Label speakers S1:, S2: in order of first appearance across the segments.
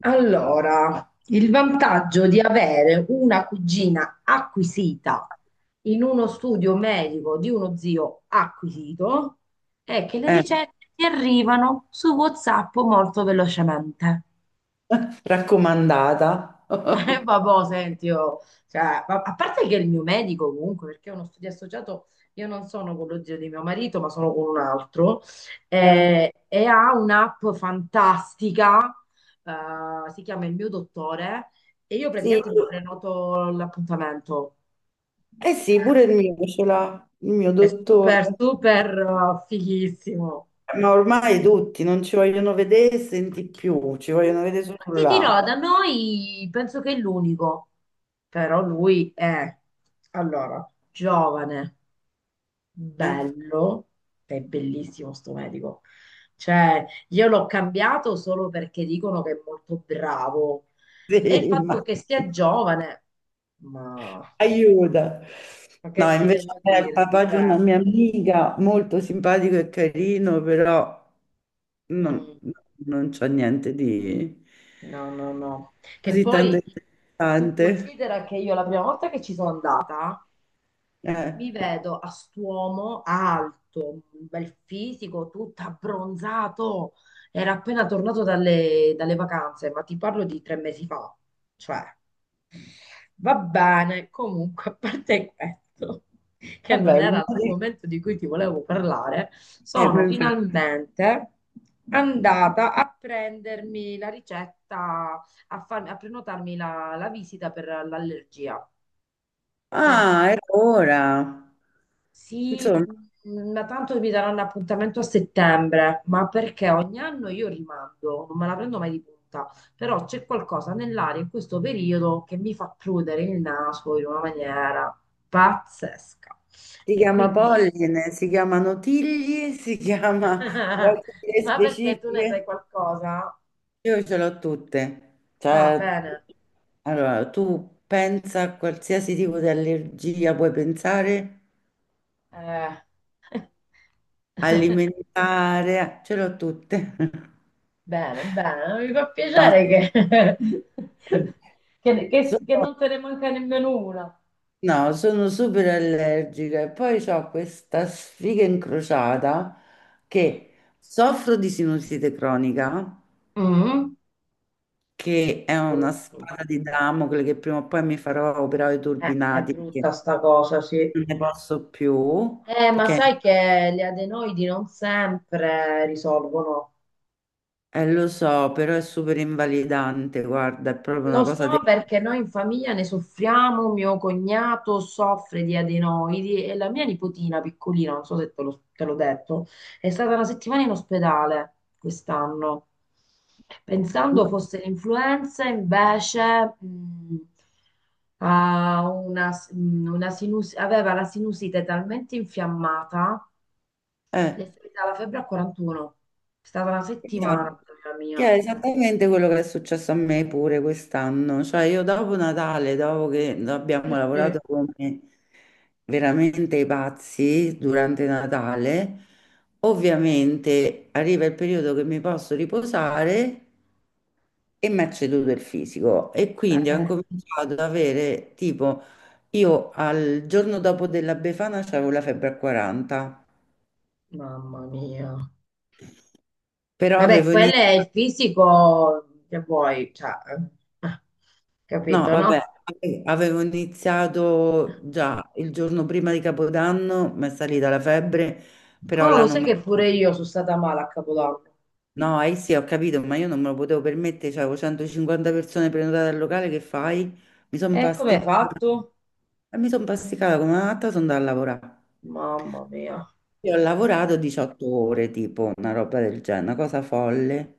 S1: Allora, il vantaggio di avere una cugina acquisita in uno studio medico di uno zio acquisito è che le
S2: Eh,
S1: ricette ti arrivano su WhatsApp molto velocemente.
S2: Raccomandata.
S1: Vabbò, senti, io, cioè, a parte che il mio medico comunque, perché è uno studio associato, io non sono con lo zio di mio marito, ma sono con un altro,
S2: Eh,
S1: e ha un'app fantastica, si chiama Il mio dottore, e io
S2: Sì,
S1: praticamente mi prenoto l'appuntamento.
S2: sì, pure il mio ce l'ha, il mio
S1: È super,
S2: dottore.
S1: super, fighissimo.
S2: Ma ormai tutti non ci vogliono vedere e senti più, ci
S1: Mm,
S2: vogliono vedere solo
S1: Ti
S2: là.
S1: dirò, da noi penso che è l'unico. Però lui è, allora, giovane,
S2: Eh,
S1: bello, è bellissimo sto medico. Cioè, io l'ho cambiato solo perché dicono che è molto bravo. E il
S2: sì,
S1: fatto
S2: ma-
S1: che sia giovane, ma,
S2: aiuta.
S1: ma
S2: No,
S1: che ti
S2: invece
S1: devo
S2: è il
S1: dire?
S2: papà di
S1: Cioè,
S2: una mia amica, molto simpatico e carino, però
S1: mm,
S2: non, non c'è niente di
S1: no, no, no. Che
S2: così tanto
S1: poi tu
S2: interessante.
S1: considera che io la prima volta che ci sono andata,
S2: Eh,
S1: mi vedo a st'uomo alto, un bel fisico, tutto abbronzato. Era appena tornato dalle vacanze, ma ti parlo di 3 mesi fa. Cioè, va bene, comunque, a parte questo, che
S2: Vabbè,
S1: non era l'argomento di cui ti volevo parlare,
S2: eh,
S1: sono finalmente andata a prendermi la ricetta, a prenotarmi la visita per l'allergia. Perché.
S2: ah, e ora,
S1: Sì,
S2: insomma,
S1: ma tanto mi daranno appuntamento a settembre, ma perché ogni anno io rimando, non me la prendo mai di punta, però c'è qualcosa nell'aria in questo periodo che mi fa prudere il naso in una maniera pazzesca.
S2: si
S1: E
S2: chiama
S1: quindi,
S2: polline, si chiamano tigli, si chiama vuoi dire
S1: ma perché tu ne
S2: specifiche?
S1: sai qualcosa?
S2: Io ce l'ho tutte.
S1: Ah,
S2: Cioè,
S1: bene.
S2: allora, tu pensa a qualsiasi tipo di allergia, puoi pensare
S1: Eh.
S2: alimentare, ce l'ho tutte.
S1: Bene, bene, mi fa
S2: No,
S1: piacere
S2: sì.
S1: che, che
S2: Sono
S1: non te ne manca nemmeno una.
S2: No, sono super allergica e poi ho questa sfiga incrociata che soffro di sinusite cronica,
S1: Mm.
S2: che è una
S1: Brutti.
S2: spada di Damocle che prima o poi mi farò operare i
S1: È
S2: turbinati perché
S1: brutta sta cosa, sì.
S2: non ne posso più,
S1: Ma
S2: perché
S1: sai che gli adenoidi non sempre risolvono.
S2: lo so, però è super invalidante, guarda, è proprio una
S1: Lo
S2: cosa
S1: so
S2: terribile.
S1: perché noi in famiglia ne soffriamo, mio cognato soffre di adenoidi e la mia nipotina piccolina, non so se te l'ho detto, è stata una settimana in ospedale quest'anno.
S2: No,
S1: Pensando fosse l'influenza, invece ha una aveva la sinusite talmente infiammata, le
S2: eh.
S1: è salita la febbre a 41. È stata una settimana,
S2: Esatto.
S1: la
S2: Che è
S1: mia.
S2: esattamente quello che è successo a me pure quest'anno, cioè io dopo Natale, dopo che abbiamo
S1: Sì,
S2: lavorato
S1: sì.
S2: come veramente i pazzi durante Natale, ovviamente arriva il periodo che mi posso riposare e mi è ceduto il fisico e quindi ho
S1: Eh,
S2: incominciato ad avere tipo io al giorno dopo della Befana avevo la febbre a 40,
S1: mamma mia.
S2: però
S1: Vabbè,
S2: avevo
S1: quello è
S2: iniziato
S1: il fisico che vuoi, cioè, eh, eh,
S2: No,
S1: capito,
S2: vabbè,
S1: no?
S2: avevo iniziato già il giorno prima di Capodanno, mi è salita la febbre, però
S1: Oh,
S2: là
S1: lo
S2: non...
S1: sai
S2: me-
S1: che pure io sono stata male a Capodanno.
S2: no, eh sì, ho capito, ma io non me lo potevo permettere, cioè, avevo 150 persone prenotate al locale, che fai? Mi sono
S1: E come hai
S2: pasticcata,
S1: fatto?
S2: e mi sono pasticcata come una matta, sono andata a lavorare.
S1: Mamma mia.
S2: Io ho lavorato 18 ore, tipo una roba del genere, una cosa folle.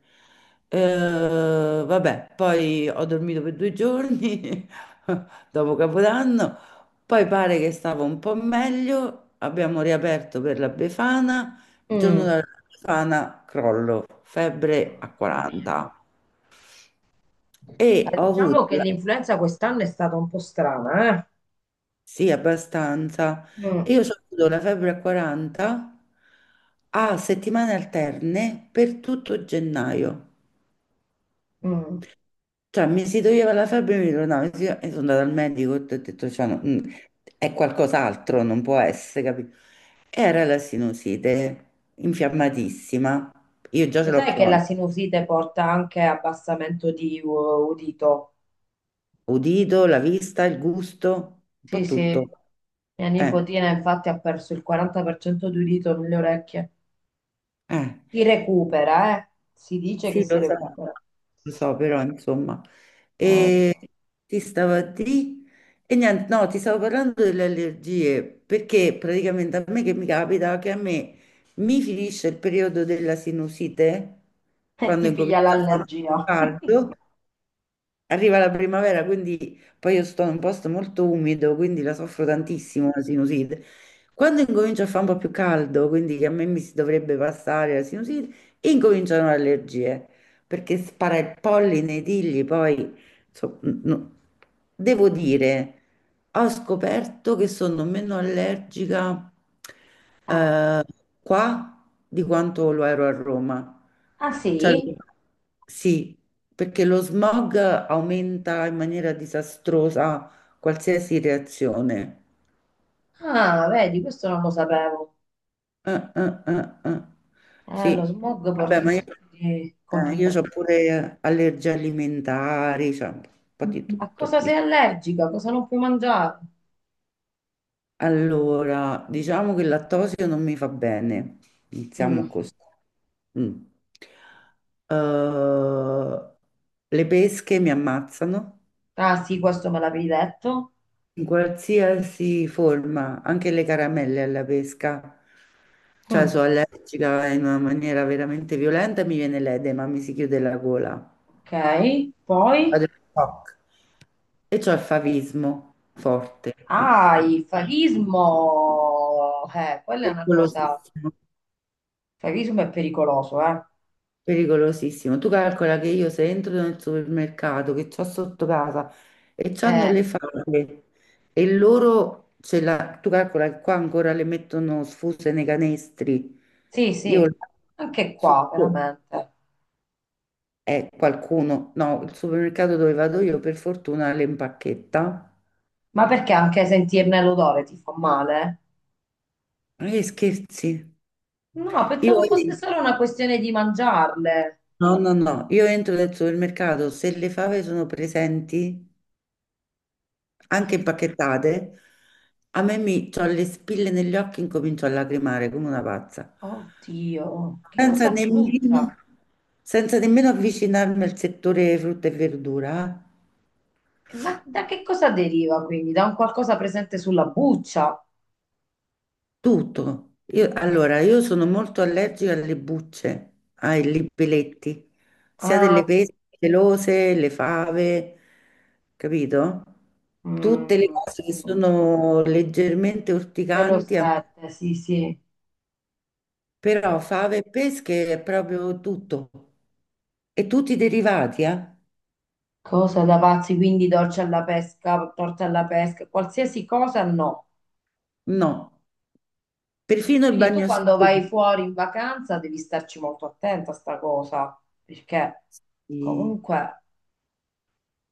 S2: Vabbè, poi ho dormito per 2 giorni dopo Capodanno, poi pare che stavo un po' meglio, abbiamo riaperto per la Befana, il giorno
S1: Mm,
S2: della Befana crollo, febbre a
S1: Mamma mia.
S2: 40. E ho avuto
S1: Diciamo che
S2: la-
S1: l'influenza quest'anno è stata un po' strana,
S2: Sì, abbastanza.
S1: eh? Mm,
S2: Io ho avuto la febbre a 40 a settimane alterne per tutto gennaio.
S1: mm.
S2: Cioè, mi si toglieva la febbre e mi ritornava. E sono andata al medico e ho detto, cioè, no, è qualcos'altro, non può essere, capito? Era la sinusite infiammatissima. Io già ce
S1: Lo
S2: l'ho
S1: sai che la
S2: cronica.
S1: sinusite porta anche abbassamento di udito?
S2: Udito, la vista, il gusto, un po'
S1: Sì, sì.
S2: tutto.
S1: Mia
S2: Eh,
S1: nipotina infatti ha perso il 40% di udito nelle orecchie.
S2: eh.
S1: Si recupera, eh? Si dice che
S2: Sì,
S1: si recupera.
S2: lo so, però insomma,
S1: Lo so.
S2: e ti stavo a di e niente, no, ti stavo parlando delle allergie perché praticamente a me che mi capita che a me mi finisce il periodo della sinusite
S1: E
S2: quando
S1: ti piglia
S2: incomincia a fare
S1: l'allergia.
S2: caldo. Arriva la primavera, quindi poi io sto in un posto molto umido, quindi la soffro
S1: Mm.
S2: tantissimo la sinusite. Quando incomincia a fare un po' più caldo, quindi che a me mi si dovrebbe passare la sinusite, incominciano le allergie, perché spara il polline, i tigli, poi insomma, no. Devo dire, ho scoperto che sono meno allergica
S1: Eh.
S2: eh, qua di quanto lo ero a Roma.
S1: Ah
S2: Cioè,
S1: sì?
S2: sì, perché lo smog aumenta in maniera disastrosa qualsiasi reazione.
S1: Ah, vedi, questo non lo sapevo.
S2: Eh, eh, eh, eh.
S1: Lo
S2: Sì,
S1: smog
S2: vabbè,
S1: porta un
S2: ma io,
S1: sacco di
S2: ho
S1: complicazioni.
S2: pure allergie alimentari, cioè un po' di
S1: A
S2: tutto.
S1: cosa sei allergica? Cosa non puoi mangiare?
S2: Allora, diciamo che il lattosio non mi fa bene, iniziamo
S1: Mm.
S2: così. Mm. Eh, le pesche mi ammazzano
S1: Ah sì, questo me l'avevi detto.
S2: in qualsiasi forma, anche le caramelle alla pesca. Cioè,
S1: Mm.
S2: sono allergica in una maniera veramente violenta e mi viene l'edema, mi si chiude la gola.
S1: Ok, poi?
S2: Vado in shock. E c'ho il favismo forte,
S1: Ah, il favismo. Quella è una cosa.
S2: pericolosissimo,
S1: Il favismo è pericoloso, eh?
S2: pericolosissimo. Tu calcola che io se entro nel supermercato che c'ho sotto casa e c'hanno
S1: Eh.
S2: le fave e loro ce la... Tu calcola che qua ancora le mettono sfuse nei canestri.
S1: Sì,
S2: Io
S1: sì, anche
S2: su-
S1: qua veramente.
S2: E qualcuno, no, il supermercato dove vado io per fortuna le impacchetta.
S1: Ma perché anche sentirne l'odore ti fa male?
S2: Ma che scherzi?
S1: No,
S2: Io
S1: pensavo fosse
S2: entro,
S1: solo una questione di mangiarle.
S2: no, no, no, io entro nel supermercato, se le fave sono presenti, anche impacchettate, a me mi ho le spille negli occhi, incomincio a lacrimare come una pazza.
S1: Oddio, che
S2: Senza
S1: cosa
S2: nemmeno,
S1: brutta.
S2: Senza nemmeno avvicinarmi al settore frutta e verdura.
S1: Ma da che cosa deriva quindi? Da un qualcosa presente sulla buccia?
S2: Tutto. Allora, io sono molto allergica alle bucce, ai libelletti, sia delle
S1: Ah,
S2: pesche pelose, le fave, capito? Tutte le cose che
S1: mm,
S2: sono leggermente
S1: pelo
S2: urticanti,
S1: 7, sì, sì.
S2: però fave e pesche è proprio tutto. E tutti i derivati, eh?
S1: Cosa da pazzi, quindi dolce alla pesca, torta alla pesca, qualsiasi cosa no.
S2: No, perfino il
S1: Quindi tu quando
S2: bagnoschiuma.
S1: vai fuori in vacanza devi starci molto attenta a sta cosa, perché
S2: Sì.
S1: comunque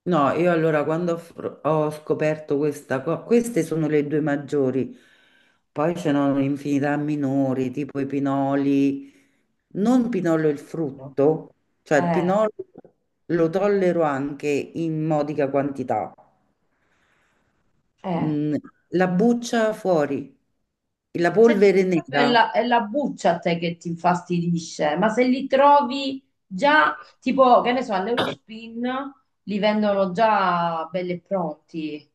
S2: No, io allora quando ho, fr- ho scoperto questa cosa, queste sono le due maggiori, poi ce n'erano un'infinità minori, tipo i pinoli, non pinolo il
S1: no?
S2: frutto, cioè il
S1: Eh,
S2: pinolo lo tollero anche in modica quantità,
S1: eh.
S2: Mm, la buccia fuori, la
S1: Cioè,
S2: polvere
S1: proprio è
S2: nera,
S1: la, è la buccia a te che ti infastidisce, ma se li trovi già, tipo, che ne so, all'Eurospin li vendono già belli e pronti.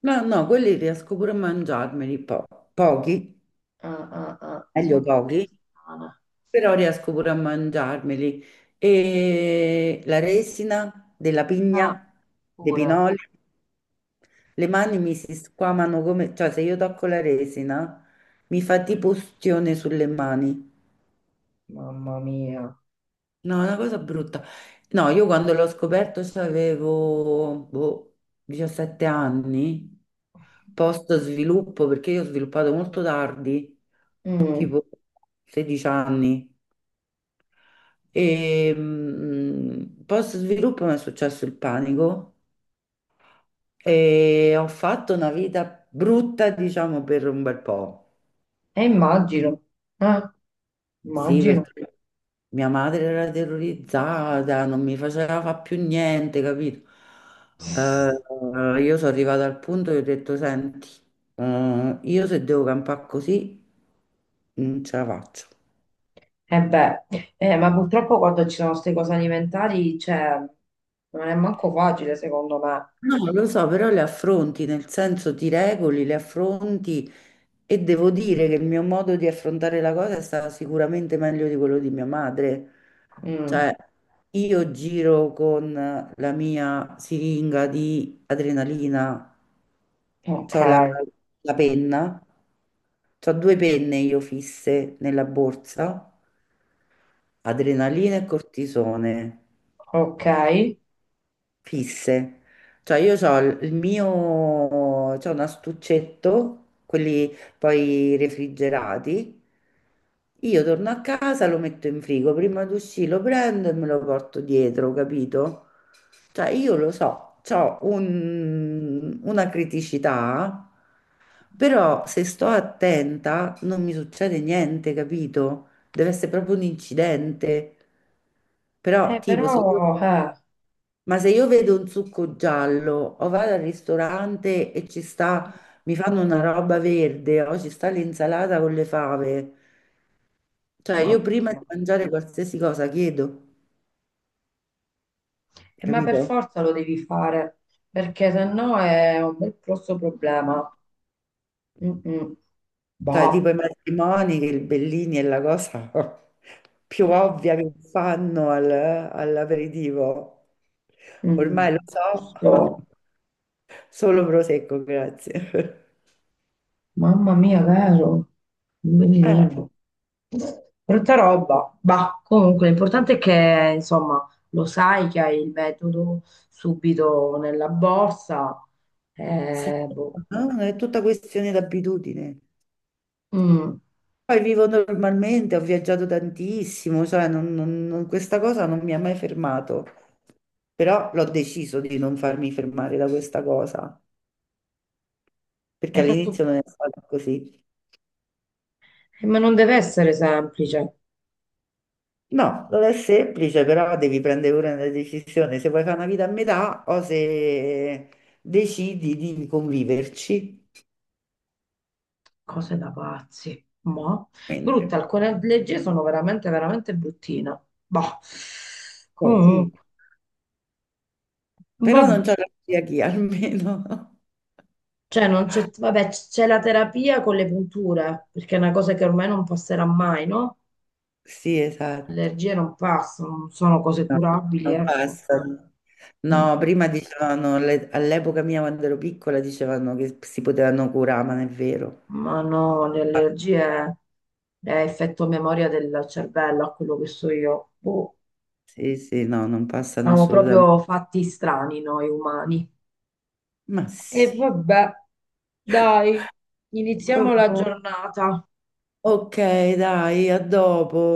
S2: no, no, quelli riesco pure a mangiarmeli pochi,
S1: Ah, ah, ah.
S2: meglio
S1: Ma che cosa
S2: pochi,
S1: strana.
S2: però riesco pure a mangiarmeli. E la resina della
S1: Ah,
S2: pigna, dei
S1: pure.
S2: pinoli, le mani mi si squamano come, cioè se io tocco la resina mi fa tipo ustione sulle mani.
S1: Mamma mia.
S2: No, è una cosa brutta. No, io quando l'ho scoperto avevo 17 anni, post sviluppo, perché io ho sviluppato molto tardi,
S1: Mm,
S2: tipo 16 anni. Post sviluppo mi è successo il panico e ho fatto una vita brutta, diciamo, per un bel po'.
S1: E immagino, eh,
S2: Sì,
S1: immagino.
S2: perché mia madre era terrorizzata, non mi faceva fa più niente, capito? Io sono arrivata al punto che ho detto, senti, io se devo campare così, non ce la faccio.
S1: Eh beh, ma purtroppo quando ci sono queste cose alimentari, cioè, non è manco facile secondo me.
S2: No, lo so, però le affronti, nel senso ti regoli, le affronti e devo dire che il mio modo di affrontare la cosa è stato sicuramente meglio di quello di mia madre.
S1: Mm,
S2: Cioè, io giro con la mia siringa di adrenalina,
S1: ok,
S2: c'ho la, la penna, c'ho due penne io fisse nella borsa, adrenalina e cortisone
S1: ok.
S2: fisse. Cioè io ho il mio, C'ho un astuccetto, quelli poi refrigerati. Io torno a casa, lo metto in frigo, prima di uscire lo prendo e me lo porto dietro, capito? Cioè io lo so, ho una criticità, però se sto attenta non mi succede niente, capito? Deve essere proprio un incidente. Però tipo se io
S1: Però,
S2: Ma se io vedo un succo giallo o vado al ristorante e ci sta, mi fanno una roba verde o ci sta l'insalata con le fave, cioè io
S1: mamma
S2: prima di
S1: mia.
S2: mangiare qualsiasi cosa chiedo,
S1: Ma per
S2: capito?
S1: forza lo devi fare, perché se no è un bel grosso problema. Mm-mm.
S2: Cioè tipo i
S1: Boh,
S2: matrimoni, che il Bellini è la cosa più ovvia che fanno all'aperitivo.
S1: mm,
S2: Ormai lo so,
S1: giusto.
S2: solo prosecco, grazie.
S1: Mamma mia, vero? Un
S2: Eh,
S1: bellino. Brutta roba, bah, comunque l'importante è che insomma lo sai che hai il metodo subito nella borsa,
S2: sì,
S1: boh.
S2: no, è tutta questione d'abitudine.
S1: Mm,
S2: Poi vivo normalmente, ho viaggiato tantissimo, questa cosa non mi ha mai fermato, però l'ho deciso di non farmi fermare da questa cosa, perché
S1: hai fatto.
S2: all'inizio non è stato così.
S1: Eh, ma non deve essere semplice,
S2: No, non è semplice, però devi prendere pure una decisione se vuoi fare una vita a metà o se decidi di conviverci.
S1: cose da pazzi, ma brutte,
S2: Quindi,
S1: alcune leggi sono veramente, veramente bruttine, bah,
S2: eh sì,
S1: comunque,
S2: però
S1: vabbè,
S2: non c'è la celiachia almeno.
S1: cioè, non c'è vabbè, c'è la terapia con le punture, perché è una cosa che ormai non passerà mai, no?
S2: Sì, esatto.
S1: Allergie non passano, non sono cose
S2: No,
S1: curabili,
S2: non
S1: ecco.
S2: passano. No,
S1: Mm,
S2: prima dicevano, all'epoca mia quando ero piccola dicevano che si potevano curare, ma non è vero.
S1: ma no, le allergie è effetto memoria del cervello, a quello che so io. Boh,
S2: Sì, sì, no, non passano
S1: siamo
S2: assolutamente.
S1: proprio fatti strani noi umani.
S2: Ma
S1: E
S2: sì.
S1: vabbè, dai, iniziamo la
S2: Oh,
S1: giornata.
S2: ok, dai, a dopo.